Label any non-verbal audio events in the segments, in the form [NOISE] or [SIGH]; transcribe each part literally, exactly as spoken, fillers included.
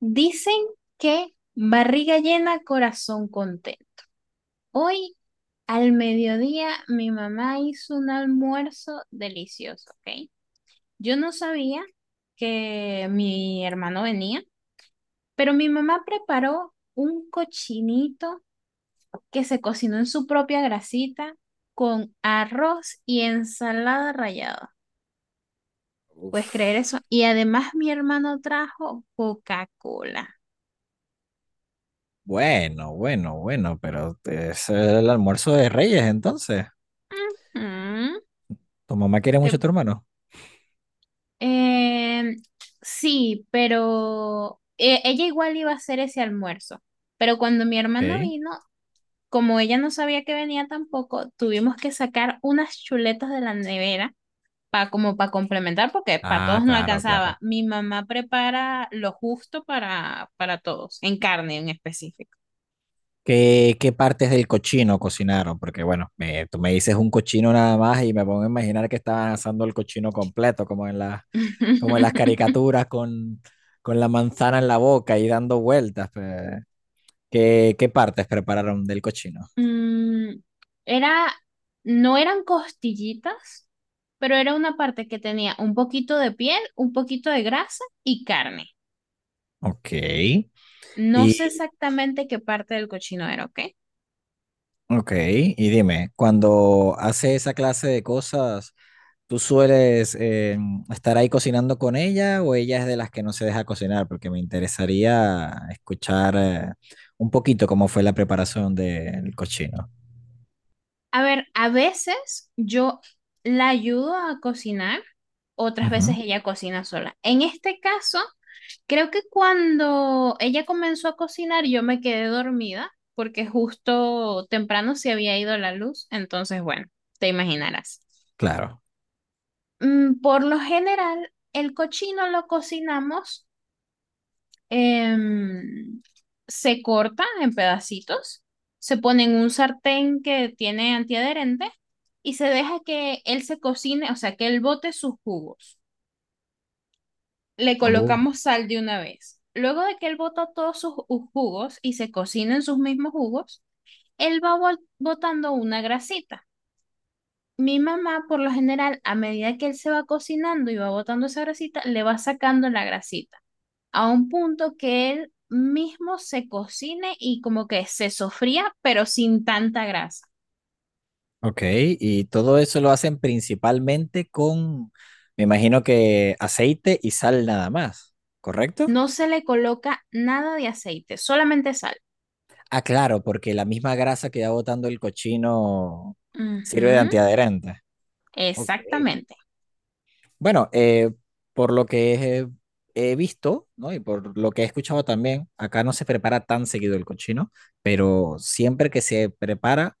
Dicen que barriga llena, corazón contento. Hoy al mediodía mi mamá hizo un almuerzo delicioso, ¿ok? Yo no sabía que mi hermano venía, pero mi mamá preparó un cochinito que se cocinó en su propia grasita con arroz y ensalada rallada. ¿Puedes Uf, creer eso? Y además mi hermano trajo Coca-Cola. bueno, bueno, bueno, pero es el almuerzo de Reyes, entonces. Mm, ¿Tu mamá quiere ¿Te mucho a tu hermano? Em, sí, pero eh, ella igual iba a hacer ese almuerzo. Pero cuando mi hermano Ok. vino, como ella no sabía que venía tampoco, tuvimos que sacar unas chuletas de la nevera para como para complementar, porque para Ah, todos no claro, alcanzaba. claro. Mi mamá prepara lo justo para, para todos, en carne en específico. ¿Qué, qué partes del cochino cocinaron? Porque bueno, me- tú me dices un cochino nada más y me pongo a imaginar que estaban asando el cochino completo, como en las, como en las [LAUGHS] caricaturas con, con la manzana en la boca y dando vueltas. Pues. ¿Qué, qué partes prepararon del cochino? Mm, era, no eran costillitas, pero era una parte que tenía un poquito de piel, un poquito de grasa y carne. Ok. No sé ¿Y, exactamente qué parte del cochino era, ¿ok? Ok, y dime, cuando hace esa clase de cosas, ¿tú sueles eh, estar ahí cocinando con ella o ella es de las que no se deja cocinar? Porque me interesaría escuchar eh, un poquito cómo fue la preparación del cochino. A ver, a veces yo la ayudo a cocinar, otras Ujú, veces ella cocina sola. En este caso, creo que cuando ella comenzó a cocinar, yo me quedé dormida porque justo temprano se había ido la luz, entonces bueno, te imaginarás. claro. Mm. Por lo general, el cochino lo cocinamos, em, se corta en pedacitos, se pone en un sartén que tiene antiadherente y se deja que él se cocine, o sea, que él bote sus jugos. Le Oh, colocamos sal de una vez. Luego de que él bota todos sus ju- jugos y se cocinen sus mismos jugos, él va bol- botando una grasita. Mi mamá, por lo general, a medida que él se va cocinando y va botando esa grasita, le va sacando la grasita a un punto que él mismo se cocine y como que se sofría, pero sin tanta grasa. ok, y todo eso lo hacen principalmente con, me imagino que aceite y sal nada más, ¿correcto? No se le coloca nada de aceite, solamente sal. Ah, claro, porque la misma grasa que va botando el cochino sirve de Ujú, antiadherente. Ok. exactamente. Bueno, eh, por lo que he, he visto, ¿no? Y por lo que he escuchado también, acá no se prepara tan seguido el cochino, pero siempre que se prepara,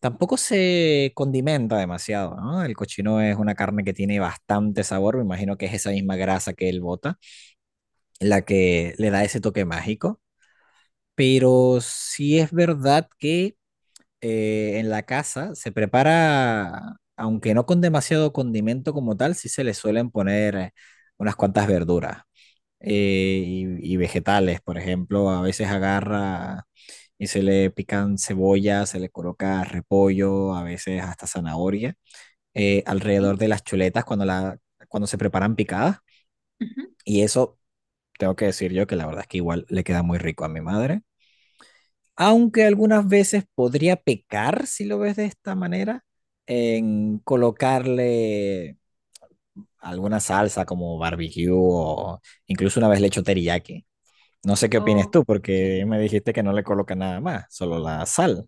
tampoco se condimenta demasiado, ¿no? El cochino es una carne que tiene bastante sabor, me imagino que es esa misma grasa que él bota, la que le da ese toque mágico, pero sí es verdad que eh, en la casa se prepara, aunque no con demasiado condimento como tal, sí se le suelen poner eh, unas cuantas verduras eh, y, y vegetales, por ejemplo, a veces agarra y se le pican cebolla, se le coloca repollo, a veces hasta zanahoria, eh, alrededor ¿Sí? de las chuletas cuando, la, cuando se preparan picadas. Ujú. Y eso, tengo que decir yo que la verdad es que igual le queda muy rico a mi madre. Aunque algunas veces podría pecar, si lo ves de esta manera, en colocarle alguna salsa como barbecue o incluso una vez le echo teriyaki. No sé qué opines tú, Ok. porque me dijiste que no le coloca nada más, solo la sal.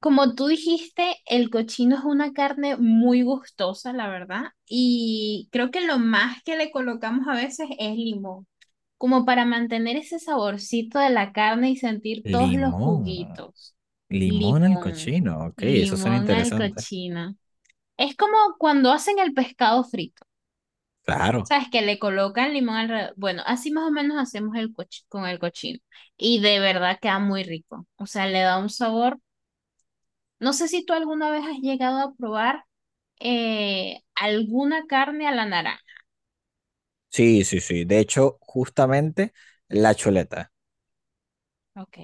Como tú dijiste, el cochino es una carne muy gustosa, la verdad, y creo que lo más que le colocamos a veces es limón, como para mantener ese saborcito de la carne y sentir todos los Limón. juguitos. Limón al Limón, cochino. Ok, eso suena limón al interesante. cochino. Es como cuando hacen el pescado frito. Claro. ¿Sabes? Que le colocan limón alrededor. Bueno, así más o menos hacemos el coch- con el cochino. Y de verdad queda muy rico. O sea, le da un sabor. No sé si tú alguna vez has llegado a probar eh, alguna carne a la naranja. Sí, sí, sí. De hecho, justamente la chuleta. Ok.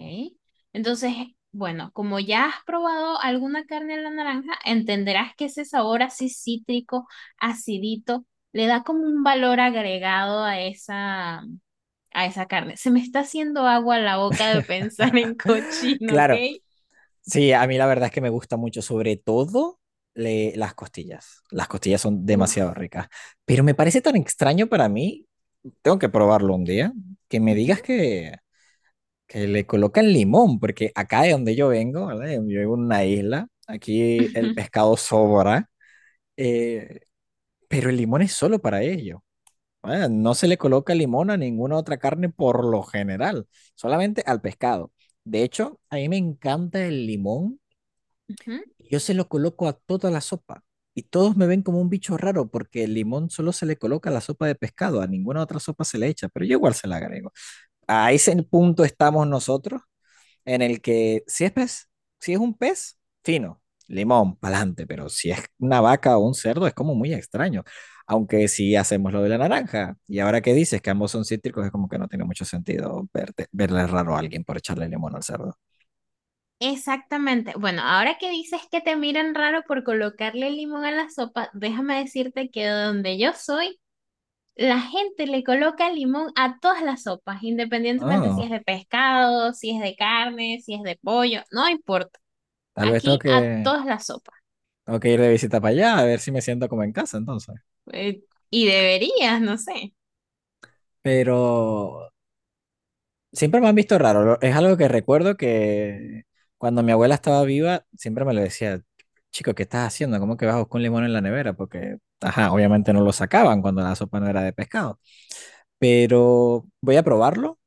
Entonces, bueno, como ya has probado alguna carne a la naranja, entenderás que ese sabor así cítrico, acidito, le da como un valor agregado a esa, a esa carne. Se me está haciendo agua la boca de pensar [LAUGHS] en [LAUGHS] cochino, ¿ok? Claro, sí, a mí la verdad es que me gusta mucho, sobre todo le- las costillas. Las costillas son demasiado Uf. ricas. Pero me parece tan extraño para mí, tengo que probarlo un día, que me Ujú, digas que, que le colocan limón, porque acá de donde yo vengo, ¿verdad? Yo vivo en una isla, aquí el ujú, pescado sobra, eh, pero el limón es solo para ello. ¿Verdad? No se le coloca limón a ninguna otra carne por lo general, solamente al pescado. De hecho, a mí me encanta el limón. ujú. Yo se lo coloco a toda la sopa y todos me ven como un bicho raro porque el limón solo se le coloca a la sopa de pescado, a ninguna otra sopa se le echa, pero yo igual se la agrego. A ese punto estamos nosotros en el que si es pez, si es un pez, fino, limón, pa'lante, pero si es una vaca o un cerdo es como muy extraño. Aunque si hacemos lo de la naranja, y ahora que dices que ambos son cítricos, es como que no tiene mucho sentido verte- verle raro a alguien por echarle limón al cerdo. Exactamente. Bueno, ahora que dices que te miran raro por colocarle limón a la sopa, déjame decirte que donde yo soy, la gente le coloca limón a todas las sopas, independientemente si Oh, es de pescado, si es de carne, si es de pollo, no importa. tal vez tengo Aquí a que todas las sopas. tengo que ir de visita para allá, a ver si me siento como en casa entonces. Eh, y deberías, no sé. Pero siempre me han visto raro. lo- Es algo que recuerdo que cuando mi abuela estaba viva, siempre me lo decía, chico, ¿qué estás haciendo? ¿Cómo que vas a buscar un limón en la nevera? Porque, ajá, obviamente no lo sacaban cuando la sopa no era de pescado. Pero voy a probarlo,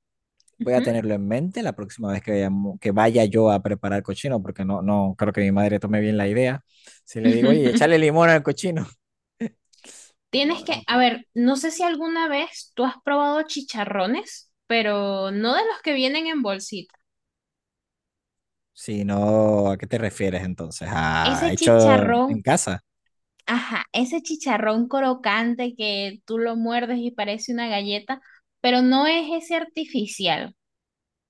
voy a Ujú. tenerlo en mente la próxima vez que vaya, que vaya yo a preparar cochino, porque no, no creo que mi madre tome bien la idea. Si le digo, oye, échale [LAUGHS] limón al cochino, [LAUGHS] Tienes no, que, no a puedo. ver, no sé si alguna vez tú has probado chicharrones, pero no de los que vienen en bolsita. Si no, ¿a qué te refieres entonces? Ese ¿A hecho chicharrón, en casa? ajá, ese chicharrón crocante que tú lo muerdes y parece una galleta, pero no es ese artificial.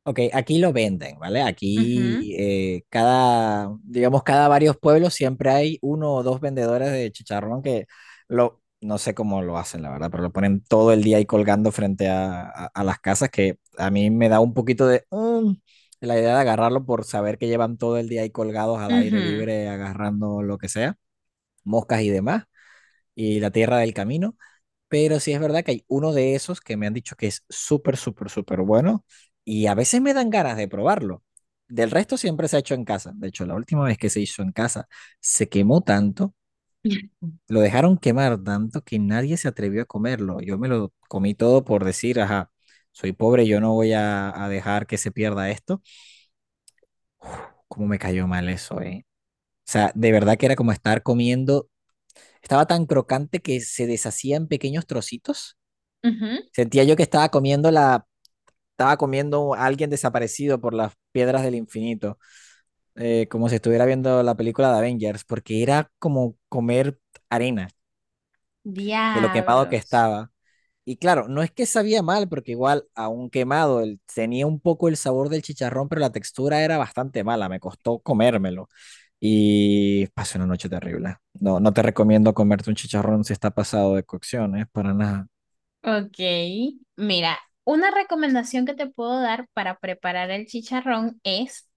Ok, aquí lo venden, ¿vale? Ujú. Aquí eh, cada, digamos, cada varios pueblos siempre hay uno o dos vendedores de chicharrón que lo, no sé cómo lo hacen, la verdad, pero lo ponen todo el día ahí colgando frente a, a- a las casas que a mí me da un poquito de... mm, la idea de agarrarlo por saber que llevan todo el día ahí colgados al aire Ujú, libre, agarrando lo que sea, moscas y demás, y la tierra del camino. Pero sí es verdad que hay uno de esos que me han dicho que es súper, súper, súper bueno y a veces me dan ganas de probarlo. Del resto siempre se ha hecho en casa. De hecho, la última vez que se hizo en casa se quemó tanto, [LAUGHS] lo dejaron quemar tanto que nadie se atrevió a comerlo. Yo me lo comí todo por decir, ajá, soy pobre, yo no voy a, a dejar que se pierda esto. Uf, cómo me cayó mal eso, eh. O sea, de verdad que era como estar comiendo, estaba tan crocante que se deshacía en pequeños trocitos. ujú. Sentía yo que estaba comiendo la estaba comiendo a alguien desaparecido por las piedras del infinito, eh, como si estuviera viendo la película de Avengers, porque era como comer arena de lo quemado que Diablos. estaba. Y claro, no es que sabía mal, porque igual, aún quemado, el- tenía un poco el sabor del chicharrón, pero la textura era bastante mala, me costó comérmelo. Y pasé una noche terrible. No, no te recomiendo comerte un chicharrón si está pasado de cocción, ¿eh? Para nada. Ok, mira, una recomendación que te puedo dar para preparar el chicharrón es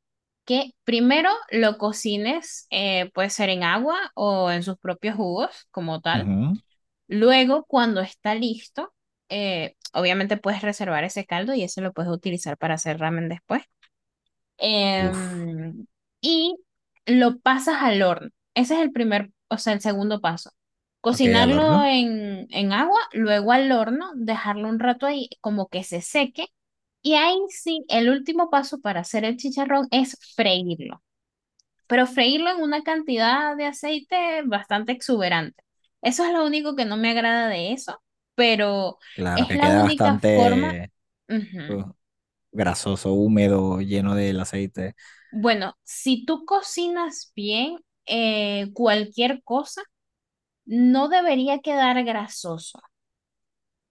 que primero lo cocines, eh, puede ser en agua o en sus propios jugos como tal. Ujú. Luego, cuando está listo, eh, obviamente puedes reservar ese caldo y ese lo puedes utilizar para hacer ramen después. Uf. Em, y lo pasas al horno. Ese es el primer, o sea, el segundo paso. Ok, al Cocinarlo horno. en, en agua, luego al horno, dejarlo un rato ahí como que se seque. Y ahí sí, el último paso para hacer el chicharrón es freírlo, pero freírlo en una cantidad de aceite bastante exuberante. Eso es lo único que no me agrada de eso, pero Claro es que la queda única forma. bastante... Ujú. uh, grasoso, húmedo, lleno del aceite. Bueno, si tú cocinas bien eh, cualquier cosa, no debería quedar grasoso.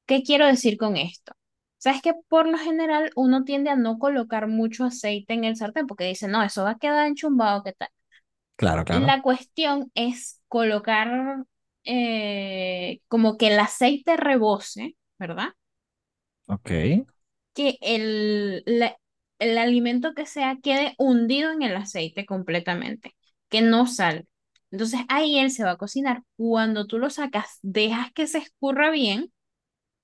¿Qué quiero decir con esto? Sabes que por lo general uno tiende a no colocar mucho aceite en el sartén porque dice, no, eso va a quedar enchumbado, ¿qué tal? Claro, claro. La cuestión es colocar eh, como que el aceite rebose, ¿verdad? Ok. que el, la- el alimento que sea quede hundido en el aceite completamente, que no salga. Entonces ahí él se va a cocinar. Cuando tú lo sacas, dejas que se escurra bien,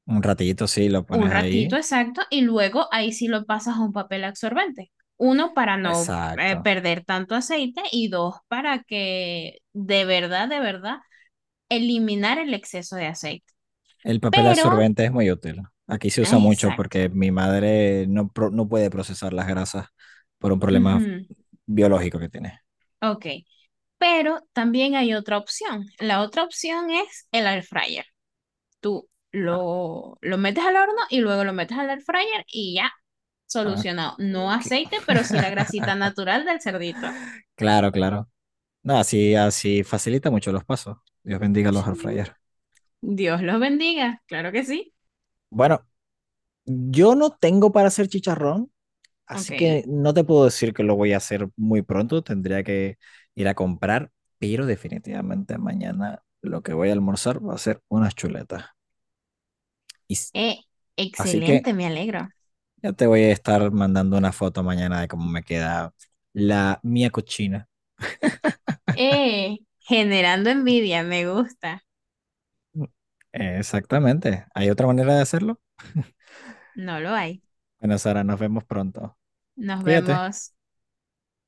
Un ratito, sí, lo pones un ratito ahí. exacto, y luego ahí sí lo pasas a un papel absorbente. Uno, para no eh, Exacto. perder tanto aceite, y dos, para que de verdad, de verdad, eliminar el exceso de aceite. El papel Pero, absorbente es muy útil. Aquí se usa mucho exacto. porque mi madre no, pro- no puede procesar las grasas por un problema Ujú. biológico que tiene. Ok. Pero también hay otra opción. La otra opción es el air fryer. Tú Ah, lo, lo metes al horno y luego lo metes al air fryer y ya, ah, solucionado. No ok. aceite, pero sí la grasita natural del cerdito. Claro, claro. No, así, así facilita mucho los pasos. Dios bendiga los Sí. air fryer. Dios los bendiga, claro que sí. Bueno, yo no tengo para hacer chicharrón, Ok. así que no te puedo decir que lo voy a hacer muy pronto, tendría que ir a comprar, pero definitivamente mañana lo que voy a almorzar va a ser unas chuletas. Y, s- Eh, Así que excelente, me alegro. ya te voy a estar mandando una foto mañana de cómo me queda la mía cochina. Eh, generando envidia, me gusta. Mm, exactamente. ¿Hay otra manera de hacerlo? No lo hay. Bueno, Sara, nos vemos pronto. Nos Cuídate. vemos.